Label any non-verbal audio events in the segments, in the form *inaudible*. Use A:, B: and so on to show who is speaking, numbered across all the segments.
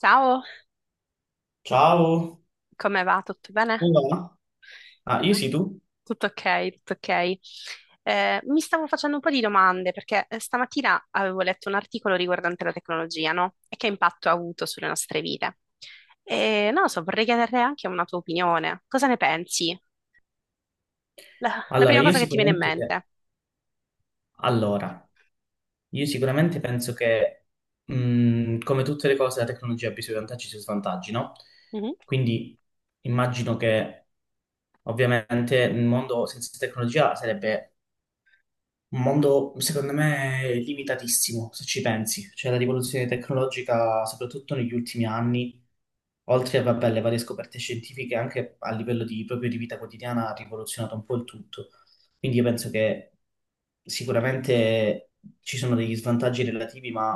A: Ciao,
B: Ciao,
A: come va? Tutto bene?
B: come va? Ah, io
A: Eh?
B: sì, tu?
A: Tutto ok, tutto ok. Mi stavo facendo un po' di domande perché stamattina avevo letto un articolo riguardante la tecnologia, no? E che impatto ha avuto sulle nostre vite. E non lo so, vorrei chiedere anche una tua opinione. Cosa ne pensi? La
B: Allora,
A: prima
B: io
A: cosa che ti viene in
B: sicuramente,
A: mente.
B: allora, io sicuramente penso che, come tutte le cose, la tecnologia abbia i suoi vantaggi e i suoi svantaggi, no?
A: Mhm.
B: Quindi immagino che, ovviamente, il mondo senza tecnologia sarebbe un mondo, secondo me, limitatissimo, se ci pensi. Cioè, la rivoluzione tecnologica, soprattutto negli ultimi anni, oltre a, vabbè, le varie scoperte scientifiche, anche a livello di, proprio di vita quotidiana, ha rivoluzionato un po' il tutto. Quindi io penso che sicuramente ci sono degli svantaggi relativi, ma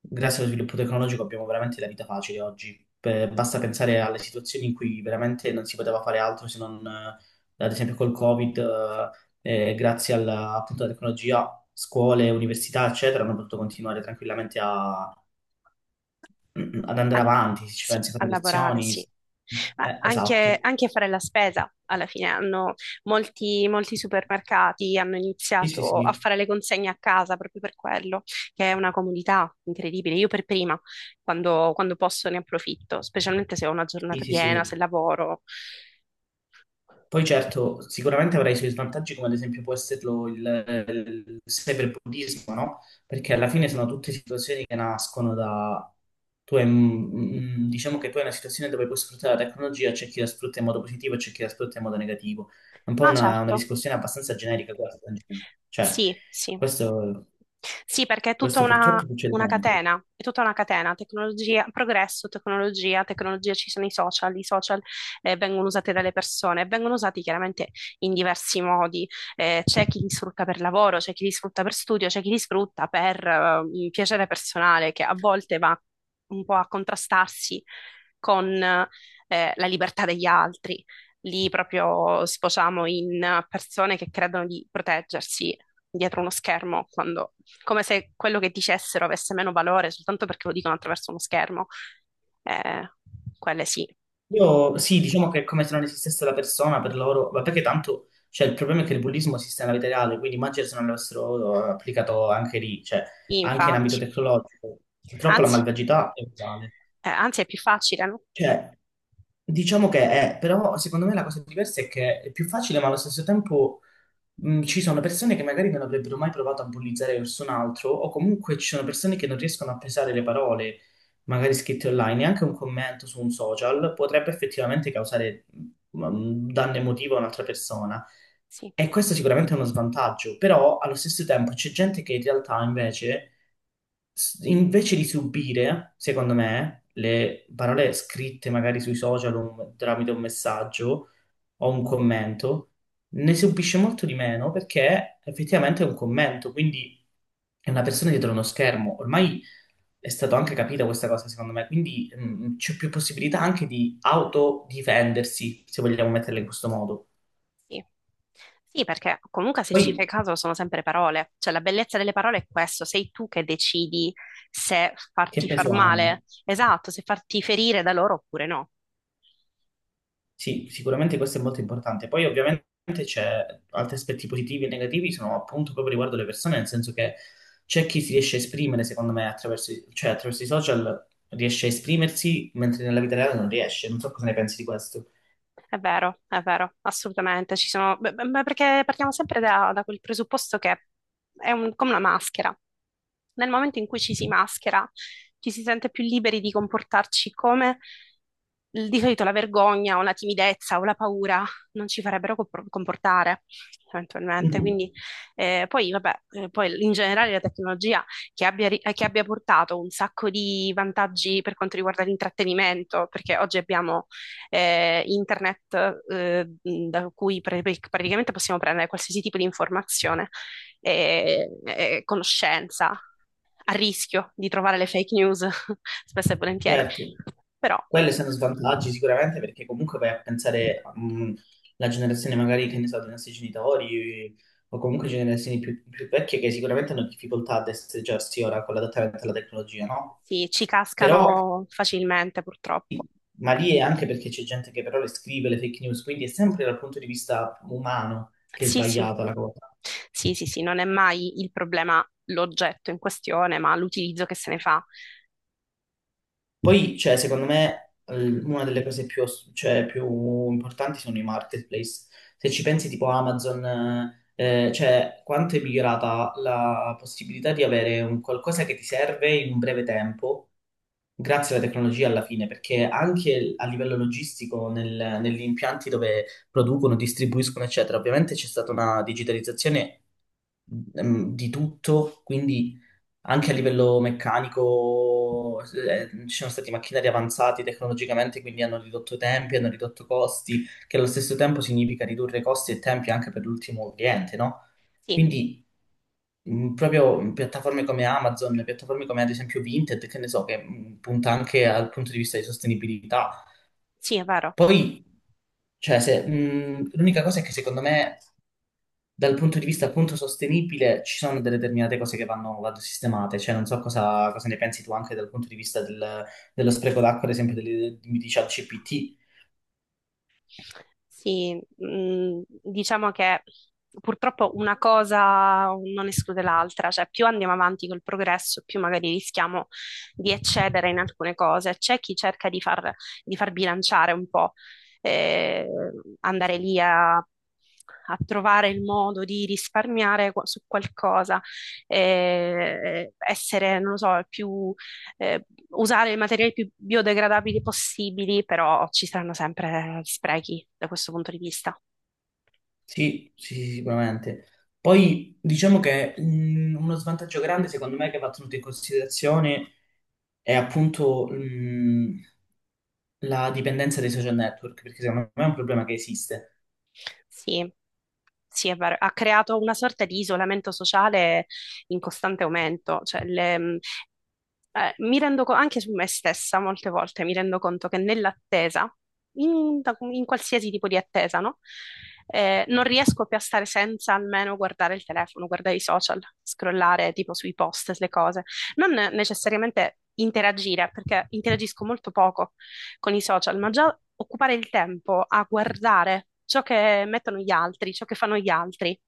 B: grazie allo sviluppo tecnologico abbiamo veramente la vita facile oggi. Per- basta pensare alle situazioni in cui veramente non si poteva fare altro se non, ad esempio, col Covid. Grazie alla, appunto, alla tecnologia, scuole, università, eccetera, hanno potuto continuare tranquillamente a- *clears throat* ad andare
A: Al-
B: avanti, se ci
A: sì,
B: pensi con
A: a
B: le
A: lavorare,
B: lezioni.
A: sì. Ma anche,
B: Esatto.
A: anche fare la spesa, alla fine hanno molti supermercati hanno
B: Sì, sì,
A: iniziato a
B: sì,
A: fare le consegne a casa proprio per quello, che è una comodità incredibile. Io per prima, quando posso, ne approfitto, specialmente se ho una
B: sì,
A: giornata
B: sì,
A: piena, se
B: sì.
A: lavoro.
B: Poi certo, sicuramente avrà i suoi svantaggi, come ad esempio può esserlo il cyberbullismo, no? Perché alla fine sono tutte situazioni che nascono da... Tu hai, un- diciamo che tu hai una situazione dove puoi sfruttare la tecnologia, c'è chi la sfrutta in modo positivo e c'è chi la sfrutta in modo negativo. È un po'
A: Ah,
B: una
A: certo,
B: discussione abbastanza generica questa. In generale. Cioè,
A: sì, sì.
B: questo,
A: Sì, perché è tutta
B: questo
A: una,
B: purtroppo succede
A: una
B: sempre.
A: catena, è tutta una catena, tecnologia, progresso, tecnologia, tecnologia, ci sono i social vengono usati dalle persone, vengono usati chiaramente in diversi modi, c'è chi li sfrutta per lavoro, c'è chi li sfrutta per studio, c'è chi li sfrutta per un piacere personale che a volte va un po' a contrastarsi con la libertà degli altri. Lì proprio sfociamo in persone che credono di proteggersi dietro uno schermo quando come se quello che dicessero avesse meno valore soltanto perché lo dicono attraverso uno schermo. Eh, Quelle sì,
B: Io sì, diciamo che è come se non esistesse la persona per loro, ma perché tanto, cioè il problema è che il bullismo esiste nella vita reale, quindi immagino se non l'avessero applicato anche lì, cioè anche in ambito
A: infatti.
B: tecnologico. Purtroppo la
A: Anzi,
B: malvagità è uguale.
A: anzi, è più facile, no?
B: Cioè, diciamo che è, però secondo me la cosa diversa è che è più facile, ma allo stesso tempo ci sono persone che magari non avrebbero mai provato a bullizzare verso un altro, o comunque ci sono persone che non riescono a pesare le parole, magari scritte online, e anche un commento su un social potrebbe effettivamente causare un danno emotivo a un'altra persona.
A: Sì,
B: E questo sicuramente è uno svantaggio, però allo stesso tempo c'è gente che in realtà invece s- invece di subire, secondo me, le parole scritte magari sui social o un- tramite un messaggio o un commento, ne subisce molto di meno perché effettivamente è un commento, quindi è una persona dietro uno schermo. Ormai è stato anche capita questa cosa, secondo me, quindi c'è più possibilità anche di autodifendersi, se vogliamo metterla in questo modo.
A: sì. Sì, perché comunque se ci
B: Poi,
A: fai caso sono sempre parole, cioè la bellezza delle parole è questo, sei tu che decidi se
B: che
A: farti far
B: peso hanno?
A: male, esatto, se farti ferire da loro oppure no.
B: Sì, sicuramente questo è molto importante. Poi ovviamente c'è altri aspetti positivi e negativi, sono appunto proprio riguardo le persone, nel senso che c'è chi si riesce a esprimere, secondo me, attraverso, i- cioè, attraverso i social riesce a esprimersi, mentre nella vita reale non riesce. Non so cosa ne pensi di questo.
A: È vero, assolutamente. Beh, beh, beh, perché partiamo sempre da quel presupposto che è come una maschera. Nel momento in cui ci si maschera, ci si sente più liberi di comportarci come di solito la vergogna o la timidezza o la paura non ci farebbero comportare eventualmente.
B: Mhm.
A: Quindi, poi, vabbè, poi in generale la tecnologia che abbia portato un sacco di vantaggi per quanto riguarda l'intrattenimento, perché oggi abbiamo internet da cui praticamente possiamo prendere qualsiasi tipo di informazione e conoscenza, a rischio di trovare le fake news *laughs* spesso e volentieri,
B: Certo,
A: però
B: quelli sono svantaggi sicuramente perché comunque vai a pensare alla generazione magari che ne so, dei nostri genitori o comunque generazioni più vecchie che sicuramente hanno difficoltà ad essere già ora con l'adattamento alla tecnologia, no?
A: sì, ci
B: Però,
A: cascano facilmente purtroppo.
B: ma lì è anche perché c'è gente che però le scrive le fake news, quindi è sempre dal punto di vista umano che è
A: Sì, sì,
B: sbagliata la cosa.
A: sì, sì, sì, non è mai il problema l'oggetto in questione, ma l'utilizzo che se ne fa.
B: Poi, cioè, secondo me, l- una delle cose più, ass- cioè, più importanti sono i marketplace. Se ci pensi, tipo Amazon, cioè, quanto è migliorata la possibilità di avere un qualcosa che ti serve in un breve tempo, grazie alla tecnologia alla fine, perché anche a livello logistico, nel- negli impianti dove producono, distribuiscono, eccetera, ovviamente c'è stata una digitalizzazione di tutto, quindi anche a livello meccanico, ci sono stati macchinari avanzati tecnologicamente, quindi hanno ridotto tempi, hanno ridotto costi, che allo stesso tempo significa ridurre costi e tempi anche per l'ultimo cliente, no?
A: Sì,
B: Quindi proprio piattaforme come Amazon, piattaforme come ad esempio Vinted, che ne so, che punta anche al punto di vista di sostenibilità.
A: sì, è vero.
B: Poi, cioè, se, l'unica cosa è che secondo me dal punto di vista appunto sostenibile ci sono delle determinate cose che vanno sistemate, cioè non so cosa ne pensi tu anche dal punto di vista del- dello spreco d'acqua, ad esempio delle- di ChatGPT.
A: Sì, diciamo che purtroppo una cosa non esclude l'altra, cioè più andiamo avanti col progresso, più magari rischiamo di eccedere in alcune cose. C'è chi cerca di far bilanciare un po', eh, andare lì a trovare il modo di risparmiare su qualcosa, essere, non lo so, più eh, usare i materiali più biodegradabili possibili, però ci saranno sempre sprechi da questo punto di vista.
B: Sì, sì, sì, sicuramente. Poi diciamo che uno svantaggio grande secondo me che va tenuto in considerazione è appunto la dipendenza dai social network, perché secondo me è un problema che esiste.
A: Sì, sì, è vero. Ha creato una sorta di isolamento sociale in costante aumento. Cioè, mi rendo conto, anche su me stessa, molte volte mi rendo conto che nell'attesa, in qualsiasi tipo di attesa, no? Non riesco più a stare senza almeno guardare il telefono, guardare i social, scrollare tipo sui post, le cose. Non necessariamente interagire, perché interagisco molto poco con i social, ma già occupare il tempo a guardare ciò che mettono gli altri, ciò che fanno gli altri,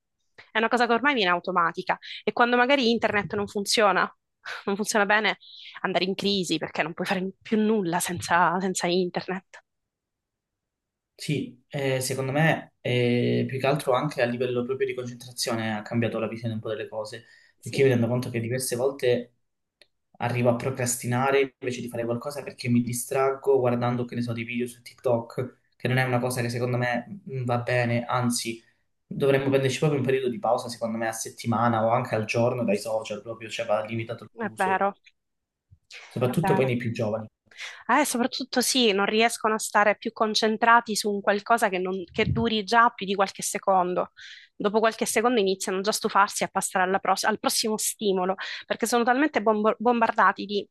A: è una cosa che ormai viene automatica. E quando magari internet non funziona, *laughs* non funziona bene, andare in crisi perché non puoi fare più nulla senza, senza internet.
B: Sì, secondo me più che altro anche a livello proprio di concentrazione ha cambiato la visione un po' delle cose, perché io
A: Sì,
B: mi rendo conto che diverse volte arrivo a procrastinare invece di fare qualcosa perché mi distraggo guardando, che ne so, dei video su TikTok, che non è una cosa che secondo me va bene, anzi dovremmo prenderci proprio un periodo di pausa, secondo me a settimana o anche al giorno dai social proprio, cioè va limitato
A: è
B: l'uso,
A: vero, è
B: soprattutto poi
A: vero.
B: nei più giovani,
A: Soprattutto sì, non riescono a stare più concentrati su un qualcosa che, che duri già più di qualche secondo. Dopo qualche secondo iniziano già a stufarsi e a passare alla al prossimo stimolo, perché sono talmente bombardati di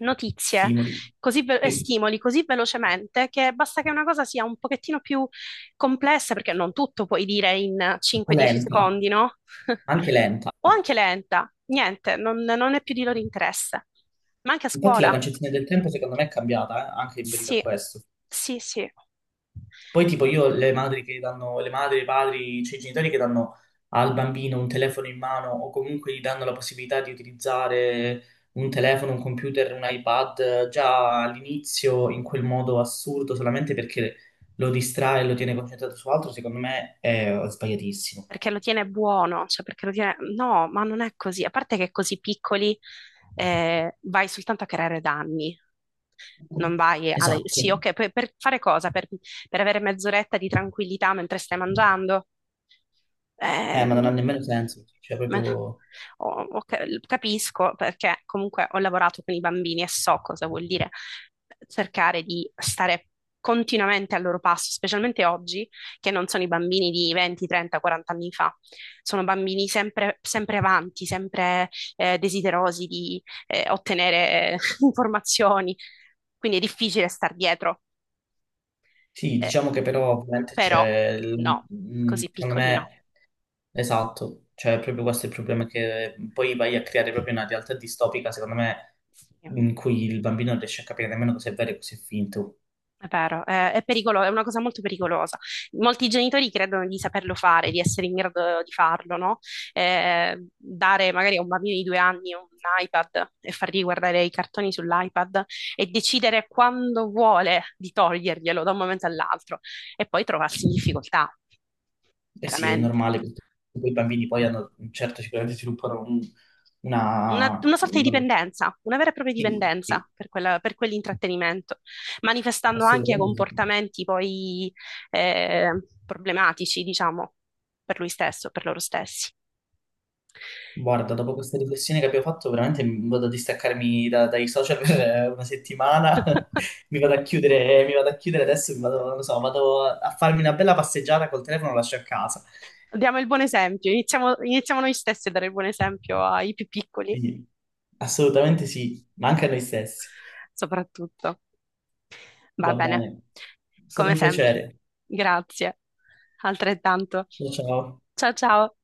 A: notizie
B: stimoli,
A: così e
B: sì,
A: stimoli così velocemente che basta che una cosa sia un pochettino più complessa, perché non tutto puoi dire in
B: o
A: 5-10
B: lenta,
A: secondi, no? *laughs*
B: anche lenta.
A: O anche lenta, niente, non è più di loro interesse. Ma anche a
B: Infatti la
A: scuola.
B: concezione del tempo secondo me è cambiata, anche in merito a
A: Sì,
B: questo.
A: sì, sì.
B: Poi tipo io
A: Vabbè,
B: le madri che danno, le madri, i padri, cioè i genitori che danno al bambino un telefono in mano o comunque gli danno la possibilità di utilizzare un telefono, un computer, un iPad già all'inizio in quel modo assurdo solamente perché lo distrae e lo tiene concentrato su altro, secondo me è sbagliatissimo.
A: perché lo tiene buono, cioè perché lo tiene. No, ma non è così. A parte che così piccoli vai soltanto a creare danni. Non vai a.
B: Esatto.
A: Sì, ok, per fare cosa? Per avere mezz'oretta di tranquillità mentre stai mangiando? Eh,
B: Ma non ha
A: non-
B: nemmeno senso, cioè
A: ma-
B: proprio...
A: oh, ok, capisco perché comunque ho lavorato con i bambini e so cosa vuol dire cercare di stare continuamente al loro passo, specialmente oggi, che non sono i bambini di 20, 30, 40 anni fa, sono bambini sempre, sempre avanti, sempre desiderosi di ottenere *laughs* informazioni, quindi è difficile star dietro,
B: Sì,
A: eh,
B: diciamo che però ovviamente
A: però
B: c'è, il-
A: no, così
B: secondo
A: piccoli no.
B: me, esatto, cioè proprio questo è il problema che poi vai a creare proprio una realtà distopica, secondo me,
A: Sì,
B: in cui il bambino non riesce a capire nemmeno cosa è vero e cosa è finto.
A: è vero, è una cosa molto pericolosa. Molti genitori credono di saperlo fare, di essere in grado di farlo, no? Dare magari a un bambino di 2 anni un iPad e fargli guardare i cartoni sull'iPad e decidere quando vuole di toglierglielo da un momento all'altro e poi trovarsi in difficoltà,
B: E sì, è
A: chiaramente.
B: normale, perché poi i bambini poi hanno, certo, sicuramente sviluppano un-
A: Una,
B: una...
A: una sorta di
B: non lo so.
A: dipendenza, una vera e propria
B: Sì, sì,
A: dipendenza per per quell'intrattenimento, manifestando anche
B: assolutamente sì.
A: comportamenti poi eh, problematici, diciamo, per lui stesso, per loro stessi.
B: Guarda, dopo questa riflessione che abbiamo fatto, veramente mi vado a distaccarmi da- dai social per una settimana, *laughs*
A: *laughs*
B: mi vado a chiudere, mi vado a chiudere adesso, mi vado, non lo so, vado a farmi una bella passeggiata col telefono, lo lascio a casa.
A: Diamo il buon esempio, iniziamo noi stessi a dare il buon esempio ai più piccoli,
B: Quindi, assolutamente sì, ma anche a noi stessi.
A: soprattutto. Va
B: Va bene,
A: bene,
B: è stato
A: come
B: un
A: sempre.
B: piacere.
A: Grazie, altrettanto.
B: Ciao. Ciao.
A: Ciao ciao.